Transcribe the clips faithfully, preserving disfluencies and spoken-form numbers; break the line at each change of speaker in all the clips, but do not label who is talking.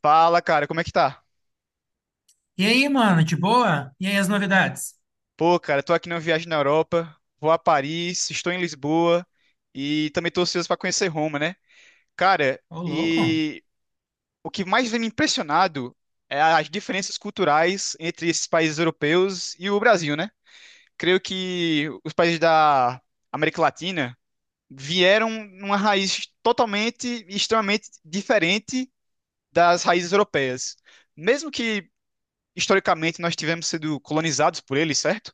Fala, cara, como é que tá?
E aí, mano, de boa? E aí, as novidades?
Pô, cara, tô aqui numa viagem na Europa, vou a Paris, estou em Lisboa e também tô ansioso pra conhecer Roma, né? Cara,
Ô, louco?
e o que mais vem me impressionado é as diferenças culturais entre esses países europeus e o Brasil, né? Creio que os países da América Latina vieram numa raiz totalmente e extremamente diferente das raízes europeias. Mesmo que historicamente nós tivemos sido colonizados por eles, certo?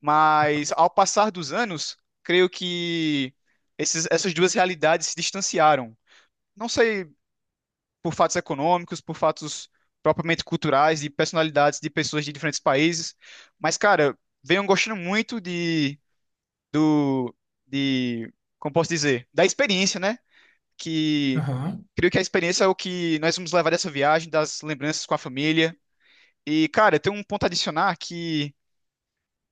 Mas ao passar dos anos, creio que esses- essas duas realidades se distanciaram. Não sei por fatos econômicos, por fatos propriamente culturais, de personalidades de pessoas de diferentes países, mas, cara, venho gostando muito de, do, de, como posso dizer, da experiência, né? Que
Aham.
creio que a experiência é o que nós vamos levar dessa viagem, das lembranças com a família. E, cara, tem um ponto a adicionar que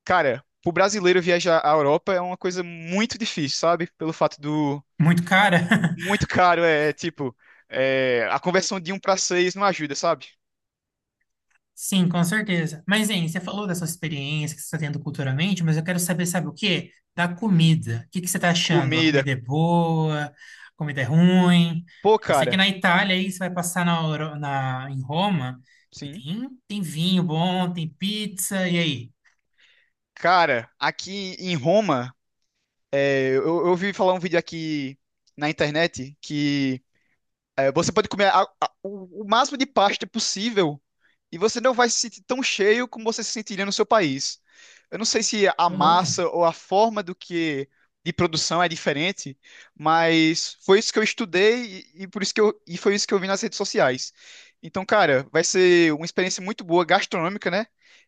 cara, pro brasileiro viajar à Europa é uma coisa muito difícil, sabe? Pelo fato do
Muito cara?
muito caro, é tipo, é, a conversão de um pra seis não ajuda, sabe?
Sim, com certeza. Mas, hein, você falou dessa experiência que você está tendo culturalmente, mas eu quero saber, sabe o quê? Da
Hum,
comida. O que que você está achando? A
comida.
comida é boa? A comida é ruim?
Pô,
Eu sei que
cara,
na Itália, aí, você vai passar na, Euro- na- em Roma, e
sim.
tem, tem vinho bom, tem pizza, e aí?
Cara, aqui em Roma, é, eu, eu ouvi falar um vídeo aqui na internet que é, você pode comer a- a- o, o máximo de pasta possível e você não vai se sentir tão cheio como você se sentiria no seu país. Eu não sei se a
Ô, louco?
massa ou a forma do que de produção é diferente, mas foi isso que eu estudei e, e por isso que eu, e foi isso que eu vi nas redes sociais. Então, cara, vai ser uma experiência muito boa gastronômica, né?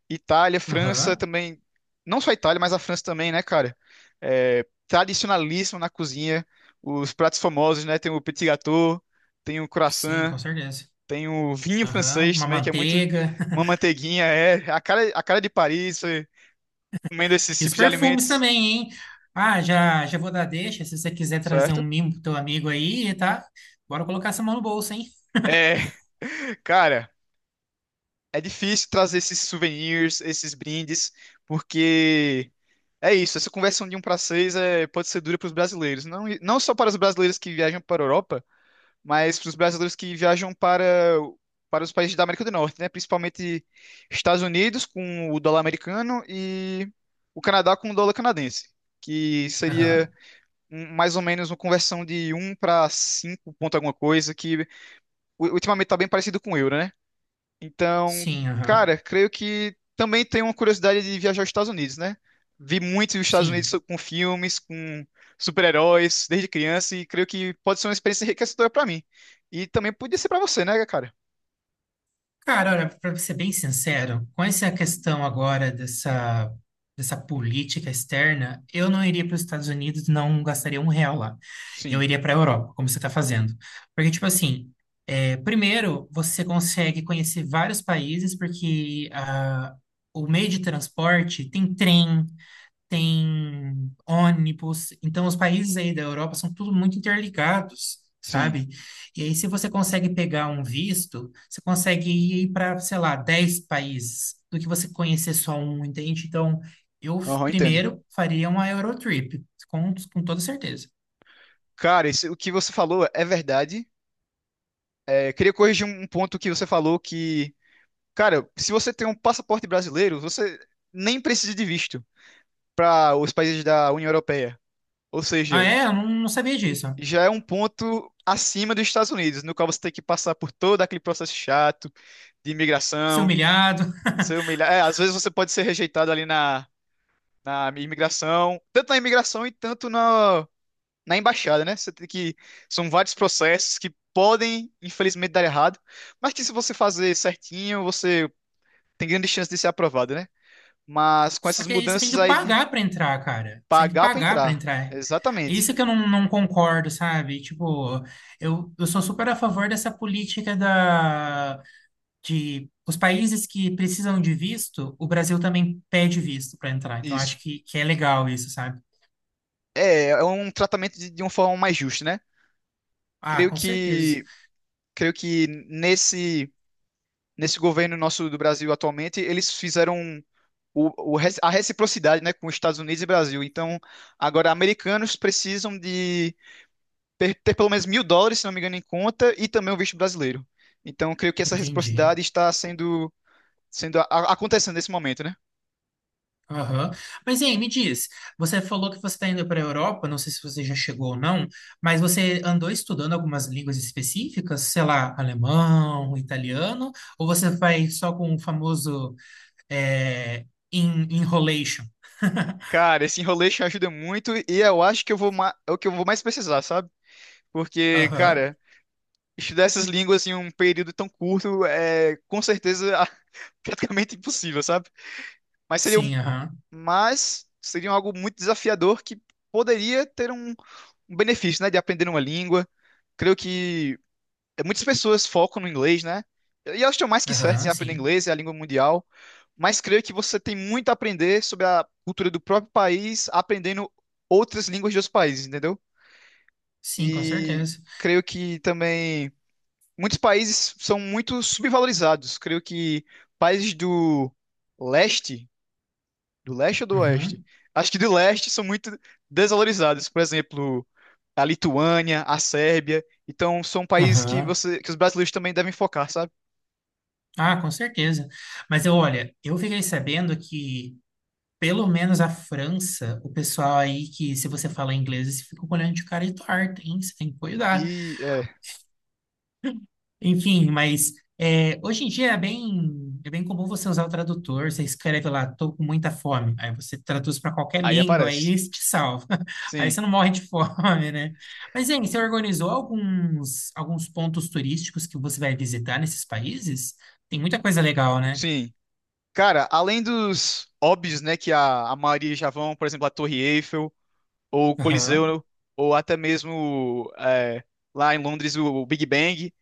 Itália, França
Aham.
também, não só a Itália, mas a França também, né, cara? É, tradicionalíssimo na cozinha, os pratos famosos, né? Tem o petit gâteau, tem o
Sim,
croissant,
com certeza.
tem o vinho
Aham.
francês
Uma
também, que é muito
manteiga.
uma manteiguinha, é a cara, a cara de Paris, é, comendo esses
E os
tipos de
perfumes
alimentos,
também, hein? Ah, já, já vou dar deixa. Se você quiser trazer um
certo?
mimo pro teu amigo aí, tá? Bora colocar essa mão no bolso, hein?
É, cara, é difícil trazer esses souvenirs, esses brindes, porque é isso, essa conversão de um para seis é, pode ser dura para os brasileiros, não, não só para os brasileiros que viajam para a Europa, mas para os brasileiros que viajam para, para os países da América do Norte, né? Principalmente Estados Unidos com o dólar americano e o Canadá com o dólar canadense, que seria
Aham.
um- mais ou menos uma conversão de um para cinco ponto alguma coisa, que u- ultimamente está bem parecido com o euro, né? Então,
Sim, aham.
cara, creio que também tenho uma curiosidade de viajar aos Estados Unidos, né? Vi muito os Estados Unidos so-
Sim.
com filmes, com super-heróis desde criança e creio que pode ser uma experiência enriquecedora pra mim. E também podia ser pra você, né, cara?
Cara, olha, pra ser bem sincero, com essa questão agora dessa, dessa política externa, eu não iria para os Estados Unidos, não gastaria um real lá. Eu
Sim,
iria para a Europa, como você está fazendo. Porque, tipo assim, é, primeiro, você consegue conhecer vários países, porque ah, o meio de transporte tem trem, tem ônibus. Então, os países aí da Europa são tudo muito interligados,
sim.
sabe? E aí, se você consegue pegar um visto, você consegue ir para, sei lá, dez países do que você conhecer só um, entende? Então, eu f-
Aham, entendo.
primeiro faria uma Eurotrip, com, com toda certeza.
Cara, isso, o que você falou é verdade. É, queria corrigir um um ponto que você falou que, cara, se você tem um passaporte brasileiro, você nem precisa de visto para os países da União Europeia. Ou
Ah,
seja,
é? Eu não, não sabia disso.
já é um ponto acima dos Estados Unidos, no qual você tem que passar por todo aquele processo chato de
Ser
imigração,
humilhado.
ser humilhado. É, às vezes você pode ser rejeitado ali na, na imigração, tanto na imigração e tanto na, na embaixada, né? Você tem que. São vários processos que podem, infelizmente, dar errado, mas que se você fazer certinho, você tem grande chance de ser aprovado, né? Mas com
Só
essas
que aí você tem
mudanças
que
aí de
pagar pra entrar, cara. Você tem que
pagar para
pagar pra
entrar,
entrar. É
exatamente
isso que eu não, não concordo, sabe? Tipo, eu, eu sou super a favor dessa política da, de os países que precisam de visto, o Brasil também pede visto pra entrar. Então,
isso.
acho que, que é legal isso, sabe?
É, é um tratamento de, de uma forma mais justa, né?
Ah,
Creio
com certeza.
que, creio que nesse, nesse governo nosso do Brasil atualmente, eles fizeram o, o re- a reciprocidade, né, com os Estados Unidos e Brasil. Então, agora, americanos precisam de per- ter pelo menos mil dólares, se não me engano, em conta, e também o visto brasileiro. Então, creio que essa
Entendi.
reciprocidade está sendo, sendo a- a- acontecendo nesse momento, né?
Aham. Mas, hein, me diz, você falou que você está indo para a Europa, não sei se você já chegou ou não, mas você andou estudando algumas línguas específicas, sei lá, alemão, italiano, ou você vai só com o famoso é, en- enrolation?
Cara, esse enroleixo ajuda muito e eu acho que eu vou ma- é o que eu vou mais precisar, sabe? Porque,
Aham.
cara, estudar essas línguas em um período tão curto é com certeza a- praticamente impossível, sabe? Mas seria, um-
Sim, aham.
mas seria algo muito desafiador que poderia ter um, um benefício, né, de aprender uma língua. Creio que é, muitas pessoas focam no inglês, né? E elas estão mais que certas em
Aham,
aprender
sim.
inglês, é a língua mundial. Mas creio que você tem muito a aprender sobre a cultura do próprio país, aprendendo outras línguas de outros países, entendeu?
Sim, com
E
certeza.
creio que também muitos países são muito subvalorizados. Creio que países do leste, do leste ou do oeste?
Uhum.
Acho que do leste são muito desvalorizados. Por exemplo, a Lituânia, a Sérbia. Então, são países que
Aham.
você, que os brasileiros também devem focar, sabe?
Ah, com certeza. Mas eu, olha, eu fiquei sabendo que pelo menos a França, o pessoal aí que, se você fala inglês, você fica olhando de cara e torta, hein? Você tem que cuidar.
E é,
Enfim, mas é, hoje em dia é bem, é bem comum você usar o tradutor. Você escreve lá, tô com muita fome. Aí você traduz para qualquer
aí
língua, aí
aparece.
isso te salva. Aí
Sim,
você não morre de fome, né? Mas, hein, você organizou alguns, alguns pontos turísticos que você vai visitar nesses países? Tem muita coisa legal, né?
sim. Cara, além dos óbvios, né, que a, a maioria já vão, por exemplo, a Torre Eiffel, ou o
Aham,
Coliseu, ou até mesmo é, lá em Londres o Big Bang.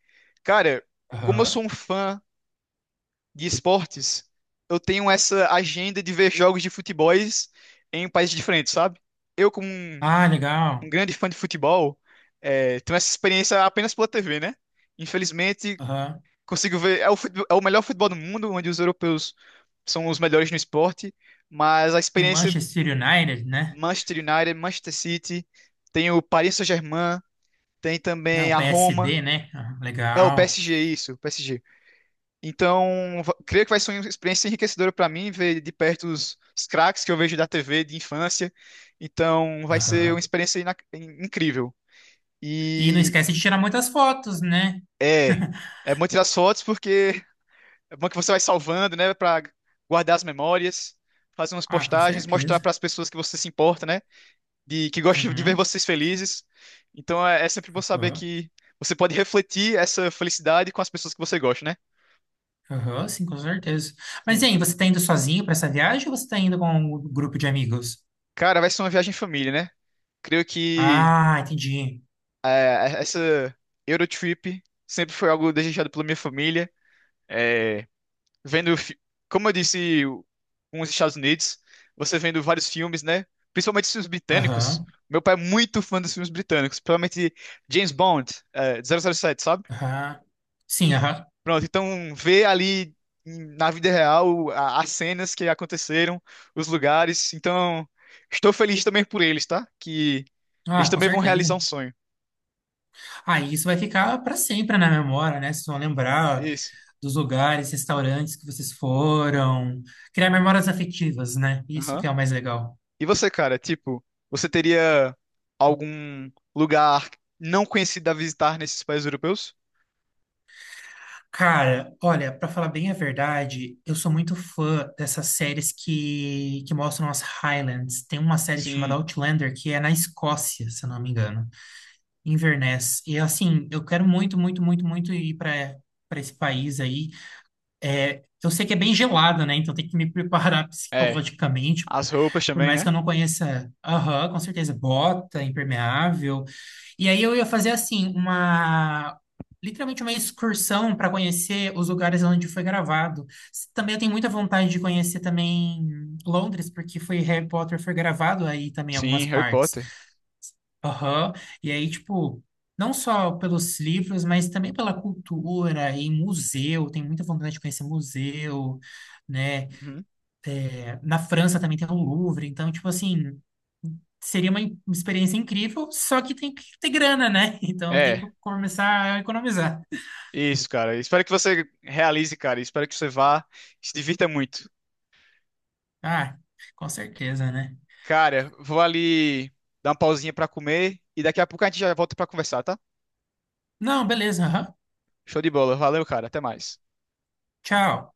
Cara, como eu
aham.
sou um fã de esportes, eu tenho essa agenda de ver jogos de futebol em países diferentes, sabe? Eu, como um,
Ah, legal.
um grande fã de futebol, eh, tenho essa experiência apenas pela tê vê, né? Infelizmente,
Aham.
consigo ver. É o, futebol- é o melhor futebol do mundo, onde os europeus são os melhores no esporte, mas a
Tem o
experiência
Manchester United, né?
Manchester United, Manchester City, tem o Paris Saint-Germain, tem
Ah,
também
o
a Roma.
P S D, né? Ah,
É o
legal.
P S G, isso, P S G. Então, va- creio que vai ser uma experiência enriquecedora para mim ver de perto os, os craques que eu vejo da tê vê de infância. Então, vai ser uma
Aham.
experiência ina- in- incrível.
E não
E
esquece de tirar muitas fotos, né?
é, é bom tirar as fotos porque é bom que você vai salvando, né, para guardar as memórias, fazer umas
Ah, com
postagens, mostrar
certeza.
para as pessoas que você se importa, né, de que gosta de ver
Uhum.
vocês felizes. Então, é, é sempre bom saber
Aham.
que você pode refletir essa felicidade com as pessoas que você gosta, né?
Aham, sim, com certeza. Mas e
Sim.
aí, você tá indo sozinho para essa viagem ou você tá indo com um grupo de amigos?
Cara, vai ser uma viagem em família, né? Creio que
Ah, entendi.
é, essa Eurotrip sempre foi algo desejado pela minha família. É, vendo, fi- como eu disse, o- com os Estados Unidos, você vendo vários filmes, né? Principalmente os filmes britânicos.
Aham.
Meu pai é muito fã dos filmes britânicos, principalmente James Bond, é, zero zero sete, sabe?
Aham. Sim, aham.
Pronto, então ver ali em- na vida real a- as cenas que aconteceram, os lugares. Então, estou feliz também por eles, tá? Que eles
Ah, com
também vão
certeza.
realizar um sonho.
Ah, e isso vai ficar para sempre na memória, né? Vocês vão lembrar
Isso.
dos lugares, restaurantes que vocês foram, criar memórias afetivas, né? Isso
Uhum.
que é o mais legal.
E você, cara, tipo, você teria algum lugar não conhecido a visitar nesses países europeus?
Cara, olha, pra falar bem a verdade, eu sou muito fã dessas séries que, que mostram as Highlands. Tem uma série chamada
Sim,
Outlander que é na Escócia, se eu não me engano, Inverness. E assim, eu quero muito, muito, muito, muito ir pra para esse país aí. Eu sei que é bem gelado, né? Então tem que me preparar
é.
psicologicamente
As roupas
por
também,
mais que
né?
eu não conheça, aham, com certeza, bota impermeável. E aí eu ia fazer assim, uma literalmente uma excursão para conhecer os lugares onde foi gravado. S- Também eu tenho muita vontade de conhecer também Londres, porque foi Harry Potter foi gravado aí também em algumas
Sim, Harry
partes.
Potter.
Aham. E aí, tipo, não só pelos livros, mas também pela cultura e museu. Tenho muita vontade de conhecer museu, né?
Uhum.
Na França também tem o Louvre, então, tipo assim, seria uma in- experiência incrível, só que tem que ter grana, né? Então tem que
É,
começar a economizar.
isso, cara. Espero que você realize, cara. Espero que você vá, se divirta muito.
Ah, com certeza, né?
Cara, vou ali dar uma pausinha pra comer e daqui a pouco a gente já volta pra conversar, tá?
Não, beleza, aham.
Show de bola. Valeu, cara. Até mais.
Tchau.